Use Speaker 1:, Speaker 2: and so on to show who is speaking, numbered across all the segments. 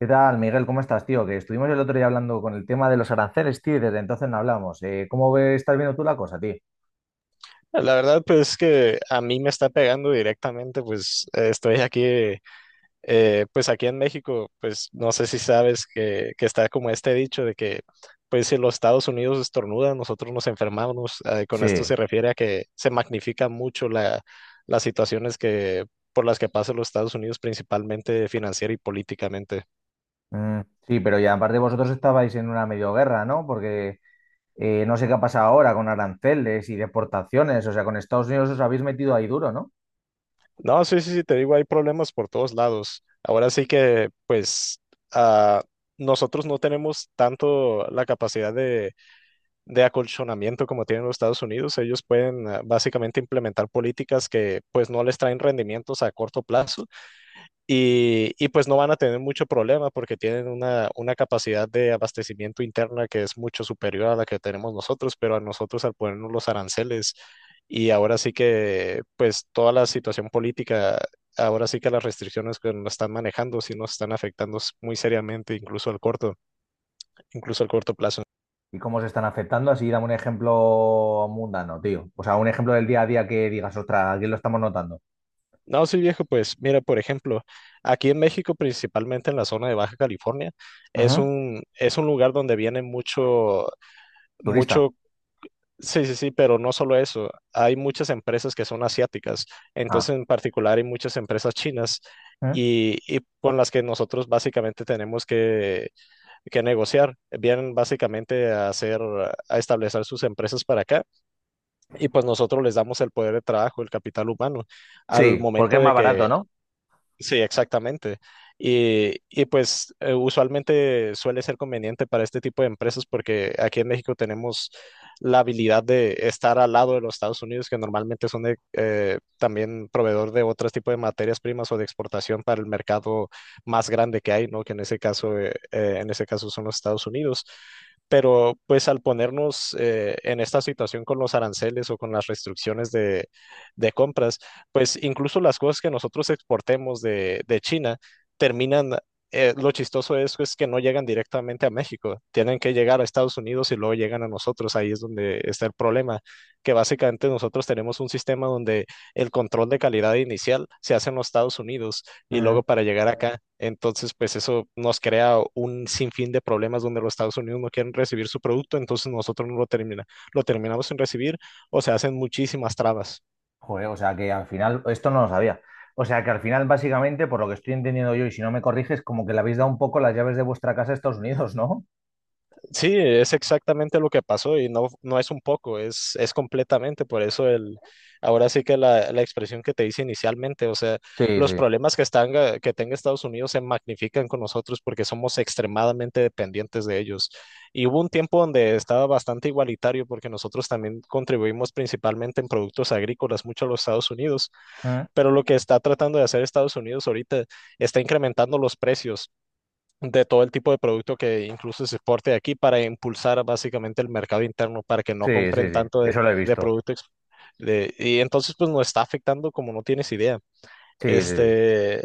Speaker 1: ¿Qué tal, Miguel? ¿Cómo estás, tío? Que estuvimos el otro día hablando con el tema de los aranceles, tío, y desde entonces no hablamos. ¿Cómo ves, estás viendo tú la cosa, tío?
Speaker 2: La verdad, pues es que a mí me está pegando directamente, pues estoy aquí, pues aquí en México. Pues no sé si sabes que está como este dicho de que, pues si los Estados Unidos estornudan, nosotros nos enfermamos. Con
Speaker 1: Sí,
Speaker 2: esto se refiere a que se magnifica mucho las situaciones que, por las que pasan los Estados Unidos, principalmente financiera y políticamente.
Speaker 1: mm, sí, pero ya aparte vosotros estabais en una medio guerra, ¿no? Porque no sé qué ha pasado ahora con aranceles y deportaciones, o sea, con Estados Unidos os habéis metido ahí duro, ¿no?
Speaker 2: No, sí, sí, sí, te digo, hay problemas por todos lados. Ahora sí que, pues, ah, nosotros no tenemos tanto la capacidad de acolchonamiento como tienen los Estados Unidos. Ellos pueden básicamente implementar políticas que, pues, no les traen rendimientos a corto plazo, y pues no van a tener mucho problema porque tienen una capacidad de abastecimiento interna que es mucho superior a la que tenemos nosotros, pero a nosotros al ponernos los aranceles y ahora sí que pues toda la situación política, ahora sí que las restricciones que nos están manejando sí nos están afectando muy seriamente, incluso al incluso al corto plazo.
Speaker 1: ¿Y cómo os están afectando? Así dame un ejemplo mundano, tío. O sea, un ejemplo del día a día que digas, ostras, aquí lo estamos notando.
Speaker 2: No, sí viejo, pues mira, por ejemplo, aquí en México, principalmente en la zona de Baja California,
Speaker 1: Ujú.
Speaker 2: es un lugar donde viene mucho
Speaker 1: Turista.
Speaker 2: mucho. Sí, sí, sí, pero no solo eso, hay muchas empresas que son asiáticas,
Speaker 1: Ah.
Speaker 2: entonces en particular hay muchas empresas chinas
Speaker 1: ¿Mm?
Speaker 2: y con las que nosotros básicamente tenemos que negociar, vienen básicamente a hacer, a establecer sus empresas para acá y pues nosotros les damos el poder de trabajo, el capital humano, al
Speaker 1: Sí, porque
Speaker 2: momento
Speaker 1: es
Speaker 2: de
Speaker 1: más
Speaker 2: que.
Speaker 1: barato,
Speaker 2: Sí, exactamente. Y pues usualmente suele ser conveniente para este tipo de empresas porque aquí en México tenemos la habilidad de estar al lado de los Estados Unidos, que normalmente son de, también proveedor de otros tipos de materias primas o de exportación para el mercado más grande que hay, ¿no? Que en ese caso son los Estados Unidos. Pero pues al ponernos en esta situación con los aranceles o con las restricciones de compras, pues incluso las cosas que nosotros exportemos de China terminan, lo chistoso de eso es pues, que no llegan directamente a México, tienen que llegar a Estados Unidos y luego llegan a nosotros, ahí es donde está el problema, que básicamente nosotros tenemos un sistema donde el control de calidad inicial se hace en los Estados Unidos y
Speaker 1: ¿no?
Speaker 2: luego para llegar acá, entonces pues eso nos crea un sinfín de problemas donde los Estados Unidos no quieren recibir su producto, entonces nosotros no lo termina, lo terminamos sin recibir o se hacen muchísimas trabas.
Speaker 1: Joder, o sea que al final, esto no lo sabía. O sea que al final, básicamente, por lo que estoy entendiendo yo, y si no me corriges, como que le habéis dado un poco las llaves de vuestra casa a Estados Unidos, ¿no?
Speaker 2: Sí, es exactamente lo que pasó y no, no es un poco, es completamente. Por eso ahora sí que la expresión que te hice inicialmente, o sea,
Speaker 1: Sí,
Speaker 2: los
Speaker 1: sí.
Speaker 2: problemas que están, que tenga Estados Unidos se magnifican con nosotros porque somos extremadamente dependientes de ellos. Y hubo un tiempo donde estaba bastante igualitario porque nosotros también contribuimos principalmente en productos agrícolas mucho a los Estados Unidos,
Speaker 1: Mm.
Speaker 2: pero lo que está tratando de hacer Estados Unidos ahorita está incrementando los precios de todo el tipo de producto que incluso se exporte de aquí para impulsar básicamente el mercado interno para que no
Speaker 1: Sí, sí,
Speaker 2: compren
Speaker 1: sí.
Speaker 2: tanto
Speaker 1: Eso lo he
Speaker 2: de
Speaker 1: visto.
Speaker 2: producto ex- y entonces pues nos está afectando como no tienes idea.
Speaker 1: Sí, sí, sí.
Speaker 2: Este,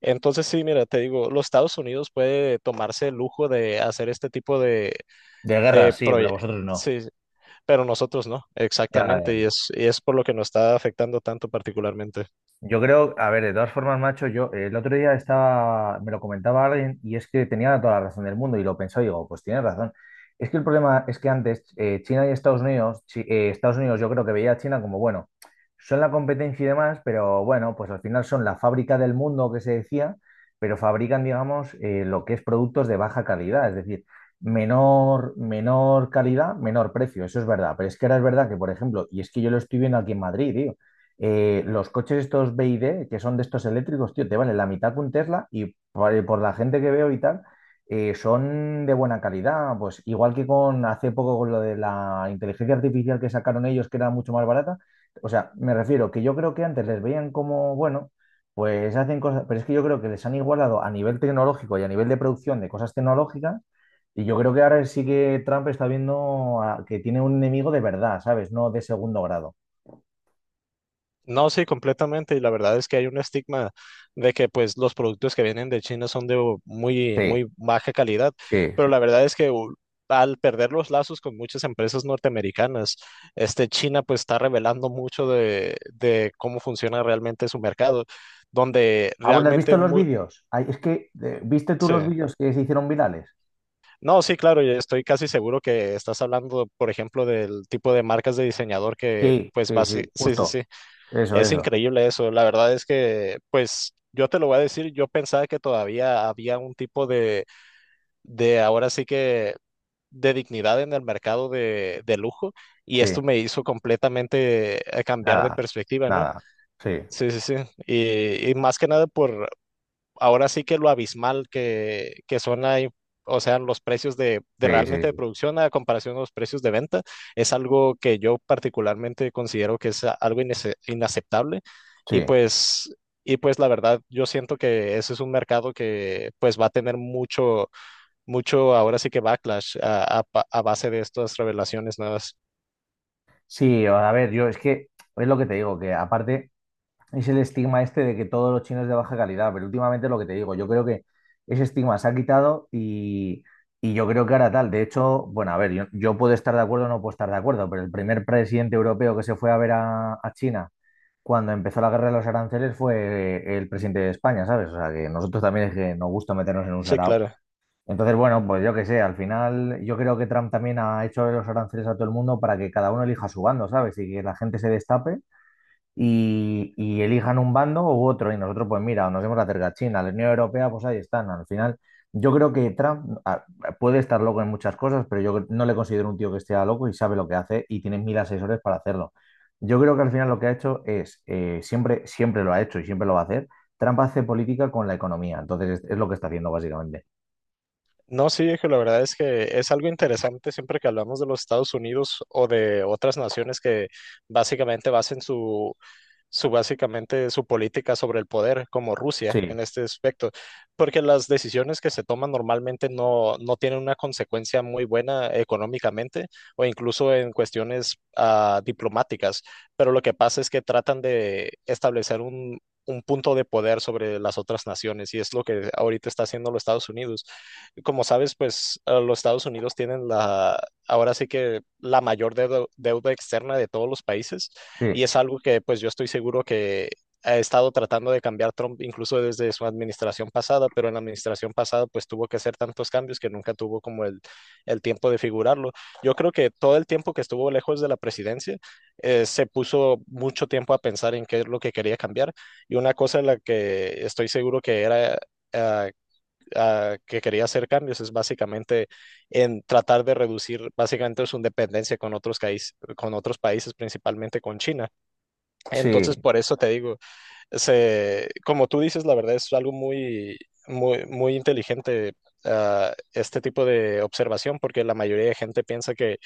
Speaker 2: entonces sí, mira, te digo, los Estados Unidos puede tomarse el lujo de hacer este tipo
Speaker 1: De guerra,
Speaker 2: de
Speaker 1: sí, pero
Speaker 2: proyectos.
Speaker 1: vosotros no.
Speaker 2: Sí, pero nosotros no,
Speaker 1: Ya,
Speaker 2: exactamente,
Speaker 1: ya.
Speaker 2: y es por lo que nos está afectando tanto particularmente.
Speaker 1: Yo creo, a ver, de todas formas, macho, yo el otro día estaba, me lo comentaba alguien y es que tenía toda la razón del mundo y lo pensó y digo, pues tienes razón. Es que el problema es que antes China y Estados Unidos, Estados Unidos yo creo que veía a China como, bueno, son la competencia y demás, pero bueno, pues al final son la fábrica del mundo que se decía, pero fabrican, digamos, lo que es productos de baja calidad, es decir, menor, menor calidad, menor precio, eso es verdad. Pero es que ahora es verdad que, por ejemplo, y es que yo lo estoy viendo aquí en Madrid, tío los coches estos BYD, que son de estos eléctricos, tío, te vale la mitad que un Tesla y por la gente que veo y tal, son de buena calidad. Pues igual que con hace poco con lo de la inteligencia artificial que sacaron ellos, que era mucho más barata. O sea, me refiero que yo creo que antes les veían como, bueno, pues hacen cosas, pero es que yo creo que les han igualado a nivel tecnológico y a nivel de producción de cosas tecnológicas. Y yo creo que ahora sí que Trump está viendo que tiene un enemigo de verdad, ¿sabes? No de segundo grado.
Speaker 2: No, sí, completamente. Y la verdad es que hay un estigma de que pues los productos que vienen de China son muy,
Speaker 1: Sí,
Speaker 2: muy baja calidad.
Speaker 1: sí.
Speaker 2: Pero la verdad es que al perder los lazos con muchas empresas norteamericanas, este China pues está revelando mucho de cómo funciona realmente su mercado, donde
Speaker 1: Ah, bueno, ¿has visto
Speaker 2: realmente
Speaker 1: los vídeos? Ay, es que, ¿viste tú
Speaker 2: sí.
Speaker 1: los vídeos que se hicieron virales?
Speaker 2: No, sí, claro, y estoy casi seguro que estás hablando, por ejemplo, del tipo de marcas de diseñador que
Speaker 1: Sí,
Speaker 2: pues
Speaker 1: sí,
Speaker 2: va, sí,
Speaker 1: sí,
Speaker 2: sí, sí,
Speaker 1: justo.
Speaker 2: sí.
Speaker 1: Eso,
Speaker 2: Es
Speaker 1: eso.
Speaker 2: increíble eso. La verdad es que, pues, yo te lo voy a decir, yo pensaba que todavía había un tipo de ahora sí que, de dignidad en el mercado de lujo y
Speaker 1: Sí,
Speaker 2: esto me hizo completamente cambiar de
Speaker 1: nada,
Speaker 2: perspectiva, ¿no?
Speaker 1: nada. Sí,
Speaker 2: Sí, sí, sí. Y más que nada por ahora sí que lo abismal que son ahí, o sea, los precios de
Speaker 1: sí, sí,
Speaker 2: realmente de
Speaker 1: sí.
Speaker 2: producción a comparación a los precios de venta, es algo que yo particularmente considero que es algo inaceptable. Y
Speaker 1: Sí,
Speaker 2: pues, y pues la verdad, yo siento que ese es un mercado que pues va a tener mucho, mucho, ahora sí que backlash a base de estas revelaciones nuevas.
Speaker 1: sí, a ver, yo es que es lo que te digo, que aparte. Es el estigma este de que todos los chinos de baja calidad, pero últimamente lo que te digo, yo creo que ese estigma se ha quitado y yo creo que ahora tal. De hecho, bueno, a ver, yo puedo estar de acuerdo o no puedo estar de acuerdo, pero el primer presidente europeo que se fue a ver a China cuando empezó la guerra de los aranceles fue el presidente de España, ¿sabes? O sea, que nosotros también es que nos gusta meternos en un
Speaker 2: Sí,
Speaker 1: sarao.
Speaker 2: claro.
Speaker 1: Entonces, bueno, pues yo qué sé, al final yo creo que Trump también ha hecho los aranceles a todo el mundo para que cada uno elija su bando, ¿sabes? Y que la gente se destape y elijan un bando u otro y nosotros pues mira, nos hemos acercado a China, a la Unión Europea, pues ahí están. Al final, yo creo que Trump puede estar loco en muchas cosas, pero yo no le considero un tío que esté loco y sabe lo que hace y tiene mil asesores para hacerlo. Yo creo que al final lo que ha hecho es, siempre, siempre lo ha hecho y siempre lo va a hacer, Trump hace política con la economía, entonces es lo que está haciendo básicamente.
Speaker 2: No, sí, viejo, la verdad es que es algo interesante siempre que hablamos de los Estados Unidos o de otras naciones que básicamente basen su básicamente su política sobre el poder, como Rusia
Speaker 1: Sí,
Speaker 2: en este aspecto, porque las decisiones que se toman normalmente no, no tienen una consecuencia muy buena económicamente o incluso en cuestiones diplomáticas, pero lo que pasa es que tratan de establecer un punto de poder sobre las otras naciones y es lo que ahorita está haciendo los Estados Unidos. Como sabes, pues los Estados Unidos tienen ahora sí que la mayor deuda externa de todos los países
Speaker 1: sí,
Speaker 2: y es algo que pues yo estoy seguro que ha estado tratando de cambiar Trump incluso desde su administración pasada, pero en la administración pasada pues tuvo que hacer tantos cambios que nunca tuvo como el tiempo de figurarlo. Yo creo que todo el tiempo que estuvo lejos de la presidencia se puso mucho tiempo a pensar en qué es lo que quería cambiar. Y una cosa en la que estoy seguro que era... eh, que quería hacer cambios es básicamente en tratar de reducir básicamente su dependencia con con otros países, principalmente con China.
Speaker 1: sí.
Speaker 2: Entonces, por eso te digo, como tú dices, la verdad es algo muy, muy, muy inteligente. Este tipo de observación, porque la mayoría de gente piensa que,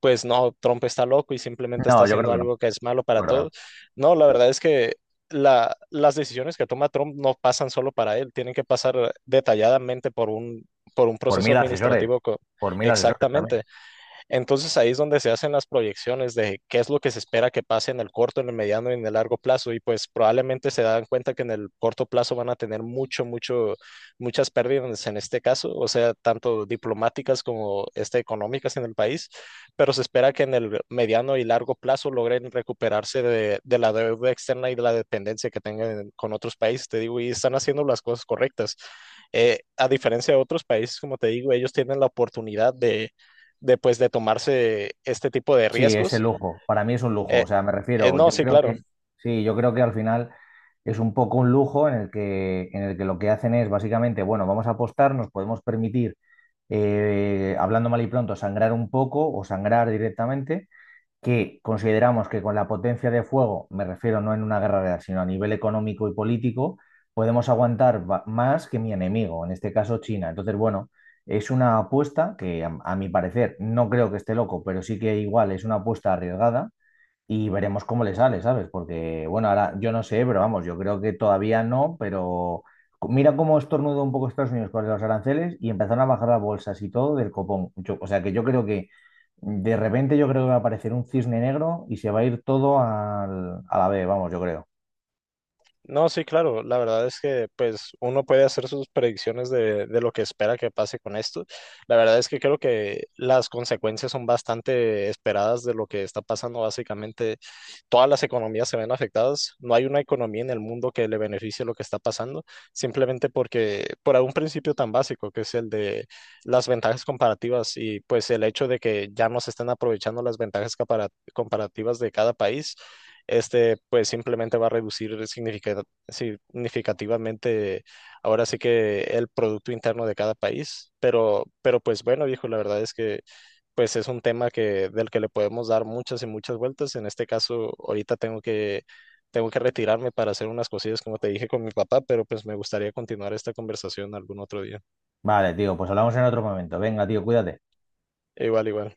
Speaker 2: pues no, Trump está loco y simplemente está
Speaker 1: No, yo creo
Speaker 2: haciendo
Speaker 1: que no,
Speaker 2: algo que es malo
Speaker 1: yo
Speaker 2: para
Speaker 1: creo que
Speaker 2: todos.
Speaker 1: no.
Speaker 2: No, la verdad es que las decisiones que toma Trump no pasan solo para él, tienen que pasar detalladamente por por un
Speaker 1: Por
Speaker 2: proceso
Speaker 1: mil asesores,
Speaker 2: administrativo co-
Speaker 1: por mil asesores también.
Speaker 2: exactamente. Entonces ahí es donde se hacen las proyecciones de qué es lo que se espera que pase en el corto, en el mediano y en el largo plazo. Y pues probablemente se dan cuenta que en el corto plazo van a tener mucho, mucho, muchas pérdidas en este caso, o sea, tanto diplomáticas como este, económicas en el país, pero se espera que en el mediano y largo plazo logren recuperarse de la deuda externa y de la dependencia que tengan con otros países, te digo, y están haciendo las cosas correctas. A diferencia de otros países, como te digo, ellos tienen la oportunidad de después de tomarse este tipo de
Speaker 1: Sí, es
Speaker 2: riesgos.
Speaker 1: el lujo. Para mí es un lujo. O
Speaker 2: Eh,
Speaker 1: sea, me refiero,
Speaker 2: no,
Speaker 1: yo
Speaker 2: sí,
Speaker 1: creo
Speaker 2: claro.
Speaker 1: que, sí, yo creo que al final es un poco un lujo en el que lo que hacen es básicamente, bueno, vamos a apostar, nos podemos permitir, hablando mal y pronto, sangrar un poco o sangrar directamente que consideramos que con la potencia de fuego, me refiero no en una guerra real, sino a nivel económico y político, podemos aguantar más que mi enemigo, en este caso China. Entonces, bueno, es una apuesta que a mi parecer no creo que esté loco, pero sí que igual es una apuesta arriesgada y veremos cómo le sale, ¿sabes? Porque, bueno, ahora yo no sé, pero vamos, yo creo que todavía no, pero mira cómo estornudó un poco Estados Unidos con los aranceles y empezaron a bajar las bolsas y todo del copón. O sea que yo creo que de repente yo creo que va a aparecer un cisne negro y se va a ir todo a la B, vamos, yo creo.
Speaker 2: No, sí, claro, la verdad es que pues uno puede hacer sus predicciones de lo que espera que pase con esto. La verdad es que creo que las consecuencias son bastante esperadas de lo que está pasando. Básicamente, todas las economías se ven afectadas. No hay una economía en el mundo que le beneficie lo que está pasando, simplemente porque por un principio tan básico que es el de las ventajas comparativas y pues el hecho de que ya no se estén aprovechando las ventajas comparativas de cada país, este pues simplemente va a reducir significativamente ahora sí que el producto interno de cada país. Pero pues bueno, viejo, la verdad es que pues es un tema que del que le podemos dar muchas y muchas vueltas. En este caso, ahorita tengo que retirarme para hacer unas cosillas como te dije con mi papá, pero pues me gustaría continuar esta conversación algún otro día.
Speaker 1: Vale, tío, pues hablamos en otro momento. Venga, tío, cuídate.
Speaker 2: Igual, igual.